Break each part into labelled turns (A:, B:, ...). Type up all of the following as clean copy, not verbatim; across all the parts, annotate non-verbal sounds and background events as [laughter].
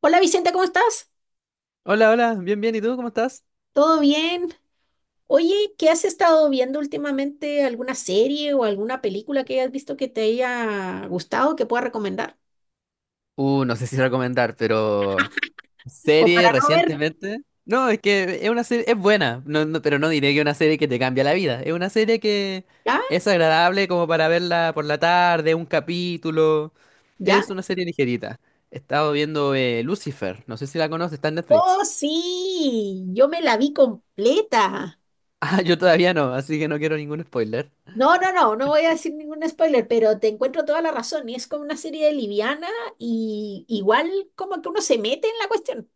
A: Hola Vicente, ¿cómo estás?
B: Hola, hola, bien, bien, ¿y tú cómo estás?
A: ¿Todo bien? Oye, ¿qué has estado viendo últimamente? ¿Alguna serie o alguna película que hayas visto que te haya gustado que pueda recomendar?
B: No sé si recomendar, pero
A: O
B: serie
A: para no ver,
B: recientemente. No, es que es una serie, es buena, no, no, pero no diré que es una serie que te cambia la vida. Es una serie que
A: ¿ya?
B: es agradable como para verla por la tarde, un capítulo.
A: ¿Ya?
B: Es una serie ligerita. He estado viendo Lucifer, no sé si la conoces, está en Netflix.
A: Oh,
B: [laughs]
A: sí, yo me la vi completa.
B: Ah, yo todavía no, así que no quiero ningún spoiler.
A: No, no, no, no voy a decir ningún spoiler, pero te encuentro toda la razón. Y es como una serie liviana y igual como que uno se mete en la cuestión.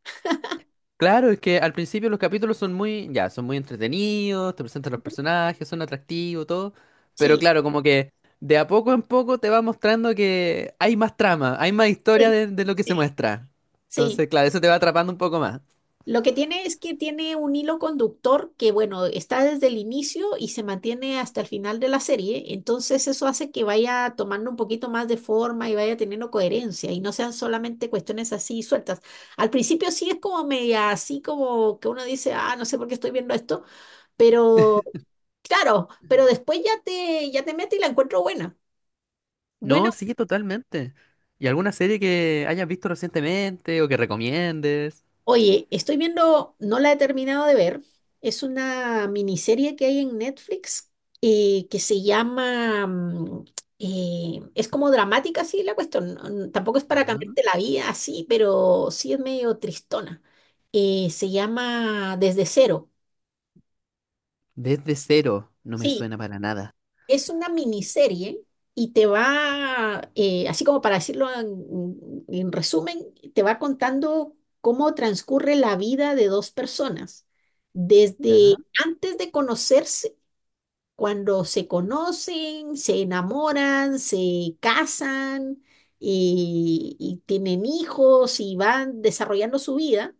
B: Claro, es que al principio los capítulos son muy, ya, son muy entretenidos, te presentan los personajes, son atractivos, todo, pero
A: Sí,
B: claro, como que de a poco en poco te va mostrando que hay más trama, hay más historia
A: sí,
B: de lo que se
A: sí,
B: muestra.
A: sí.
B: Entonces, claro, eso te va atrapando un poco más.
A: Lo que tiene es que tiene un hilo conductor que, bueno, está desde el inicio y se mantiene hasta el final de la serie. Entonces eso hace que vaya tomando un poquito más de forma y vaya teniendo coherencia y no sean solamente cuestiones así sueltas. Al principio sí es como media, así como que uno dice, ah, no sé por qué estoy viendo esto, pero claro, pero después ya te mete y la encuentro buena. Bueno,
B: No, sí, totalmente. ¿Y alguna serie que hayas visto recientemente o que recomiendes?
A: oye, estoy viendo, no la he terminado de ver, es una miniserie que hay en Netflix que se llama, es como dramática, sí, la cuestión, tampoco es
B: Ya.
A: para cambiarte la vida así, pero sí es medio tristona. Se llama Desde Cero.
B: Desde cero, no me
A: Sí,
B: suena para nada.
A: es una miniserie y te va, así como para decirlo en resumen, te va contando cómo transcurre la vida de dos personas,
B: Ya.
A: desde antes de conocerse, cuando se conocen, se enamoran, se casan, y tienen hijos y van desarrollando su vida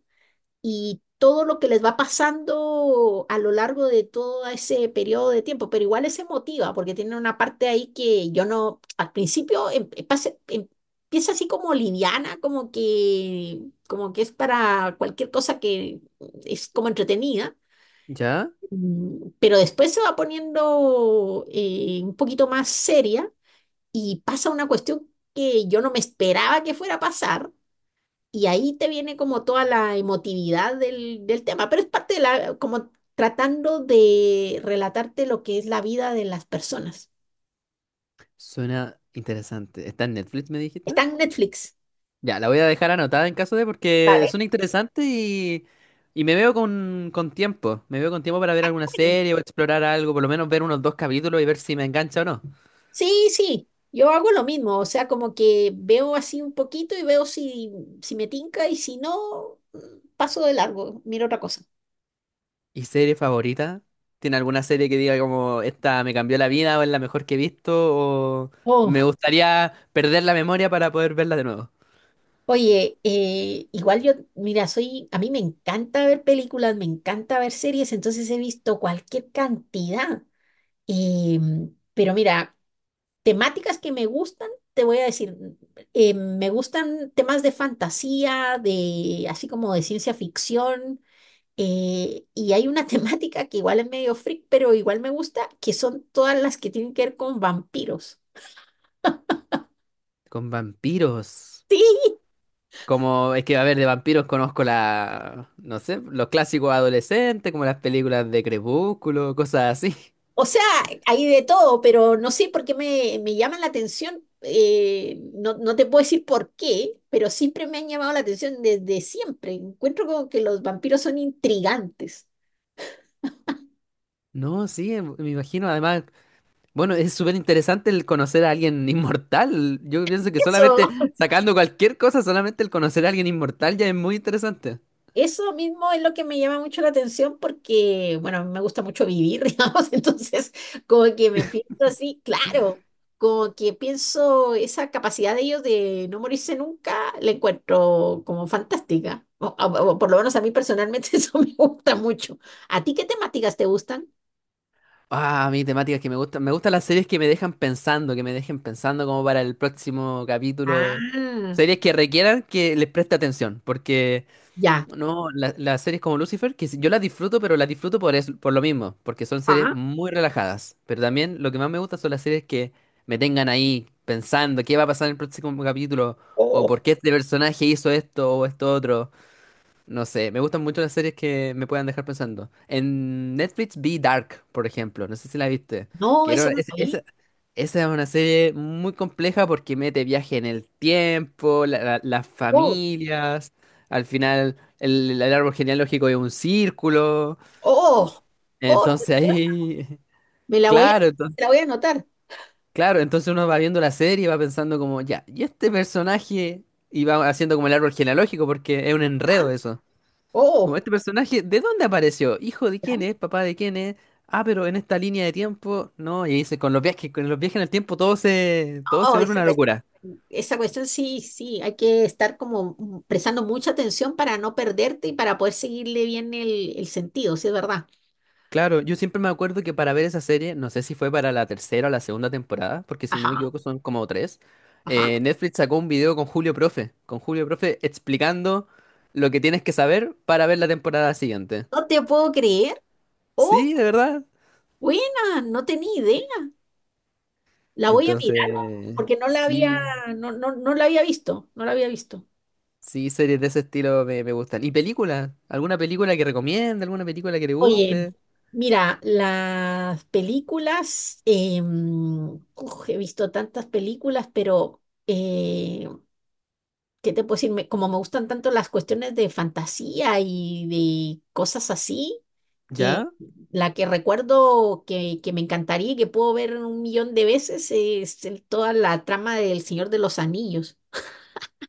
A: y todo lo que les va pasando a lo largo de todo ese periodo de tiempo, pero igual es emotiva porque tiene una parte ahí que yo no, al principio empieza así como liviana, como que es para cualquier cosa, que es como entretenida,
B: Ya,
A: pero después se va poniendo un poquito más seria y pasa una cuestión que yo no me esperaba que fuera a pasar, y ahí te viene como toda la emotividad del, del tema, pero es parte de la, como tratando de relatarte lo que es la vida de las personas.
B: suena interesante. ¿Está en Netflix, me dijiste?
A: Está en Netflix.
B: Ya, la voy a dejar anotada en caso de porque
A: Vale.
B: son interesantes y me veo con tiempo. Me veo con tiempo para ver alguna
A: Bueno.
B: serie o explorar algo, por lo menos ver unos dos capítulos y ver si me engancha o no.
A: Sí, sí, yo hago lo mismo, o sea, como que veo así un poquito y veo si, si me tinca, y si no, paso de largo, miro otra cosa.
B: ¿Y serie favorita? ¿Tiene alguna serie que diga como esta me cambió la vida o es la mejor que he visto o me
A: Oh,
B: gustaría perder la memoria para poder verla de nuevo?
A: oye, igual yo, mira, soy, a mí me encanta ver películas, me encanta ver series, entonces he visto cualquier cantidad. Y, pero mira, temáticas que me gustan, te voy a decir, me gustan temas de fantasía, de así como de ciencia ficción, y hay una [laughs] temática que igual es medio freak, pero igual me gusta, que son todas las que tienen que ver con vampiros.
B: Con vampiros.
A: Sí,
B: Como es que, a ver, de vampiros conozco la, no sé, los clásicos adolescentes, como las películas de Crepúsculo, cosas así.
A: o sea, hay de todo, pero no sé por qué me, me llaman la atención. Eh, no, no te puedo decir por qué, pero siempre me han llamado la atención desde siempre. Encuentro como que los vampiros son intrigantes.
B: No, sí, me imagino. Además, bueno, es súper interesante el conocer a alguien inmortal. Yo pienso que solamente
A: Eso,
B: sacando cualquier cosa, solamente el conocer a alguien inmortal ya es muy interesante.
A: eso mismo es lo que me llama mucho la atención porque, bueno, a mí me gusta mucho vivir, [laughs] digamos, entonces como que me pienso así, claro, como que pienso esa capacidad de ellos de no morirse nunca, la encuentro como fantástica. O por lo menos a mí personalmente [laughs] eso me gusta mucho. ¿A ti qué temáticas te gustan?
B: Ah, a mí temáticas que me gustan. Me gustan las series que me dejan pensando, que me dejen pensando como para el próximo capítulo.
A: Ah,
B: Series que requieran que les preste atención, porque
A: ya.
B: no, las series como Lucifer, que yo las disfruto, pero las disfruto por, por lo mismo, porque son series
A: Ah,
B: muy relajadas. Pero también lo que más me gusta son las series que me tengan ahí pensando qué va a pasar en el próximo capítulo, o
A: oh,
B: por qué este personaje hizo esto o esto otro. No sé, me gustan mucho las series que me puedan dejar pensando. En Netflix vi Dark, por ejemplo, no sé si la viste,
A: no,
B: que
A: eso
B: era,
A: no sabía.
B: esa es una serie muy compleja porque mete viaje en el tiempo, las
A: Oh,
B: familias, al final el árbol genealógico es un círculo,
A: oh, oh,
B: entonces ahí,
A: me
B: [laughs]
A: la voy a,
B: claro,
A: me la
B: entonces,
A: voy a anotar.
B: claro, entonces uno va viendo la serie y va pensando como, ya, ¿y este personaje? Y va haciendo como el árbol genealógico porque es un
A: Ah,
B: enredo eso. Como
A: oh,
B: este personaje, ¿de dónde apareció? ¿Hijo de quién es? ¿Papá de quién es? Ah, pero en esta línea de tiempo, no, y dice, con los viajes en el tiempo todo se
A: oh,
B: vuelve una locura.
A: esa cuestión sí, sí, hay que estar como prestando mucha atención para no perderte y para poder seguirle bien el sentido, sí, es verdad.
B: Claro, yo siempre me acuerdo que para ver esa serie, no sé si fue para la tercera o la segunda temporada, porque si no me
A: Ajá,
B: equivoco son como tres,
A: ajá.
B: Netflix sacó un video con Julio Profe explicando lo que tienes que saber para ver la temporada siguiente.
A: No te puedo creer. Oh,
B: Sí, de verdad.
A: buena, no tenía idea. La voy a mirar
B: Entonces,
A: porque no la había,
B: sí,
A: no, no, no la había visto, no la había visto.
B: sí, series de ese estilo me, me gustan. ¿Y películas? ¿Alguna película que recomiende? ¿Alguna película que te
A: Oye,
B: guste?
A: mira, las películas, uf, he visto tantas películas, pero... eh, ¿Qué te puedo decir? Me- como me gustan tanto las cuestiones de fantasía y de cosas así, eh,
B: ¿Ya?
A: la que recuerdo que me encantaría y que puedo ver un millón de veces es el- toda la trama del Señor de los Anillos.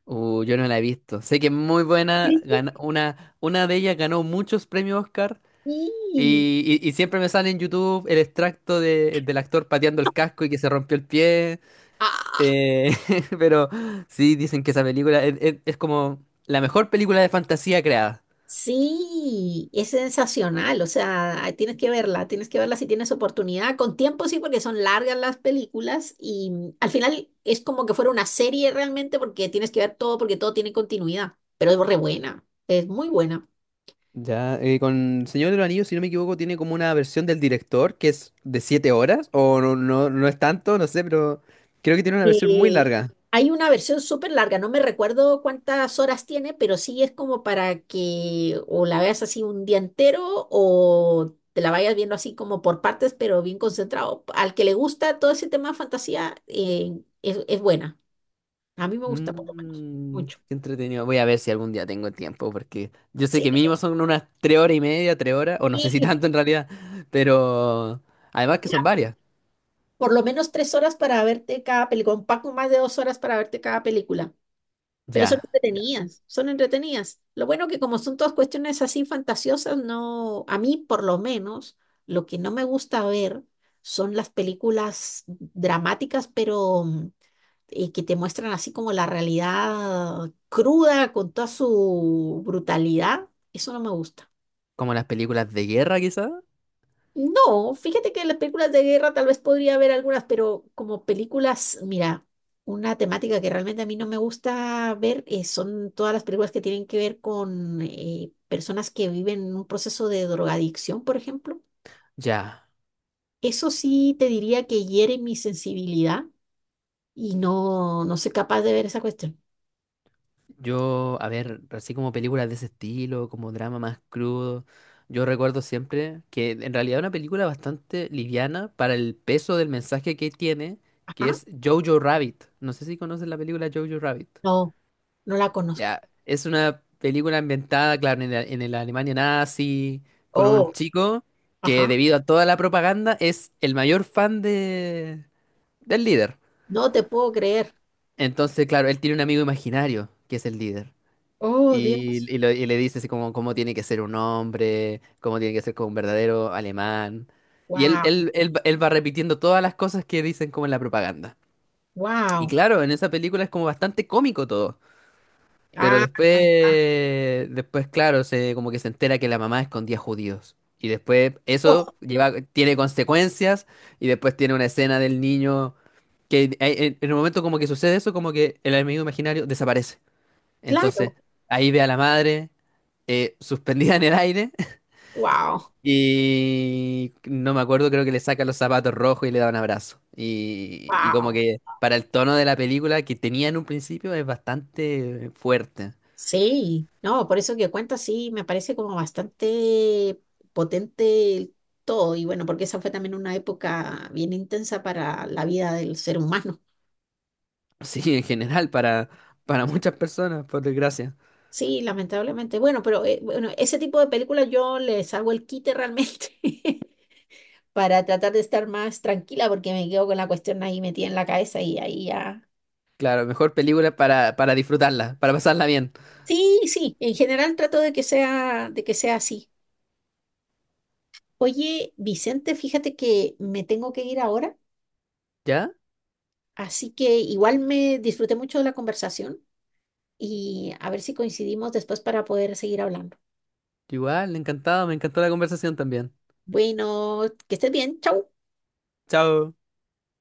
B: Yo no la he visto. Sé que es muy buena.
A: Sí.
B: Una de ellas ganó muchos premios Oscar. Y, y siempre me sale en YouTube el extracto del actor pateando el casco y que se rompió el pie.
A: Ah,
B: eh, [laughs] pero sí, dicen que esa película es, es como la mejor película de fantasía creada.
A: sí, es sensacional, o sea, ahí tienes que verla si tienes oportunidad, con tiempo sí, porque son largas las películas y al final es como que fuera una serie realmente porque tienes que ver todo porque todo tiene continuidad, pero es re buena, es muy buena.
B: Ya, con Señor de los Anillos, si no me equivoco, tiene como una versión del director que es de siete horas, o no, no, no es tanto, no sé, pero creo que tiene una versión muy
A: Eh,
B: larga.
A: Hay una versión súper larga, no me recuerdo cuántas horas tiene, pero sí es como para que o la veas así un día entero o te la vayas viendo así como por partes, pero bien concentrado. Al que le gusta todo ese tema de fantasía, es buena. A mí me gusta por lo menos,
B: Mm,
A: mucho.
B: qué entretenido. Voy a ver si algún día tengo tiempo, porque yo sé
A: Sí,
B: que mínimo son unas tres horas y media, tres horas, o no sé si
A: y
B: tanto en realidad, pero además que son varias.
A: por lo menos 3 horas para verte cada película, un poco más de 2 horas para verte cada película. Pero son
B: Ya, ya.
A: entretenidas, son entretenidas. Lo bueno que como son todas cuestiones así fantasiosas, no, a mí por lo menos, lo que no me gusta ver son las películas dramáticas, pero que te muestran así como la realidad cruda con toda su brutalidad. Eso no me gusta.
B: Como las películas de guerra, quizás.
A: No, fíjate que las películas de guerra tal vez podría haber algunas, pero como películas, mira, una temática que realmente a mí no me gusta ver, son todas las películas que tienen que ver con personas que viven un proceso de drogadicción, por ejemplo.
B: Ya.
A: Eso sí te diría que hiere mi sensibilidad, y no, no soy capaz de ver esa cuestión.
B: Yo, a ver, así como películas de ese estilo, como drama más crudo, yo recuerdo siempre que en realidad es una película bastante liviana para el peso del mensaje que tiene, que
A: Ajá,
B: es Jojo Rabbit. No sé si conoces la película Jojo Rabbit.
A: no, no la conozco.
B: Ya, es una película ambientada, claro, en la Alemania nazi, con un
A: Oh,
B: chico que
A: ajá,
B: debido a toda la propaganda es el mayor fan de, del líder.
A: no te puedo creer.
B: Entonces, claro, él tiene un amigo imaginario que es el líder.
A: Oh, Dios.
B: Y, y le dice así como cómo tiene que ser un hombre, cómo tiene que ser como un verdadero alemán. Y
A: Wow,
B: él va repitiendo todas las cosas que dicen como en la propaganda. Y
A: wow.
B: claro, en esa película es como bastante cómico todo. Pero
A: Ah,
B: después, después, claro, se como que se entera que la mamá escondía judíos. Y después
A: oh,
B: eso lleva, tiene consecuencias y después tiene una escena del niño que ahí, en el momento como que sucede eso, como que el amigo imaginario desaparece. Entonces,
A: claro.
B: ahí ve a la madre suspendida en el aire
A: Wow,
B: [laughs] y no me acuerdo, creo que le saca los zapatos rojos y le da un abrazo. Y como
A: wow.
B: que para el tono de la película que tenía en un principio es bastante fuerte.
A: Sí, no, por eso que cuenta, sí, me parece como bastante potente el todo. Y bueno, porque esa fue también una época bien intensa para la vida del ser humano.
B: Sí, en general, para muchas personas, por desgracia.
A: Sí, lamentablemente. Bueno, pero bueno, ese tipo de películas yo les hago el quite realmente [laughs] para tratar de estar más tranquila porque me quedo con la cuestión ahí metida en la cabeza y ahí ya.
B: Claro, mejor película para disfrutarla, para pasarla bien.
A: Sí, sí, en general trato de que sea así. Oye, Vicente, fíjate que me tengo que ir ahora.
B: ¿Ya?
A: Así que igual me disfruté mucho de la conversación y a ver si coincidimos después para poder seguir hablando.
B: Igual, encantado, me encantó la conversación también.
A: Bueno, que estés bien. Chau.
B: Chao.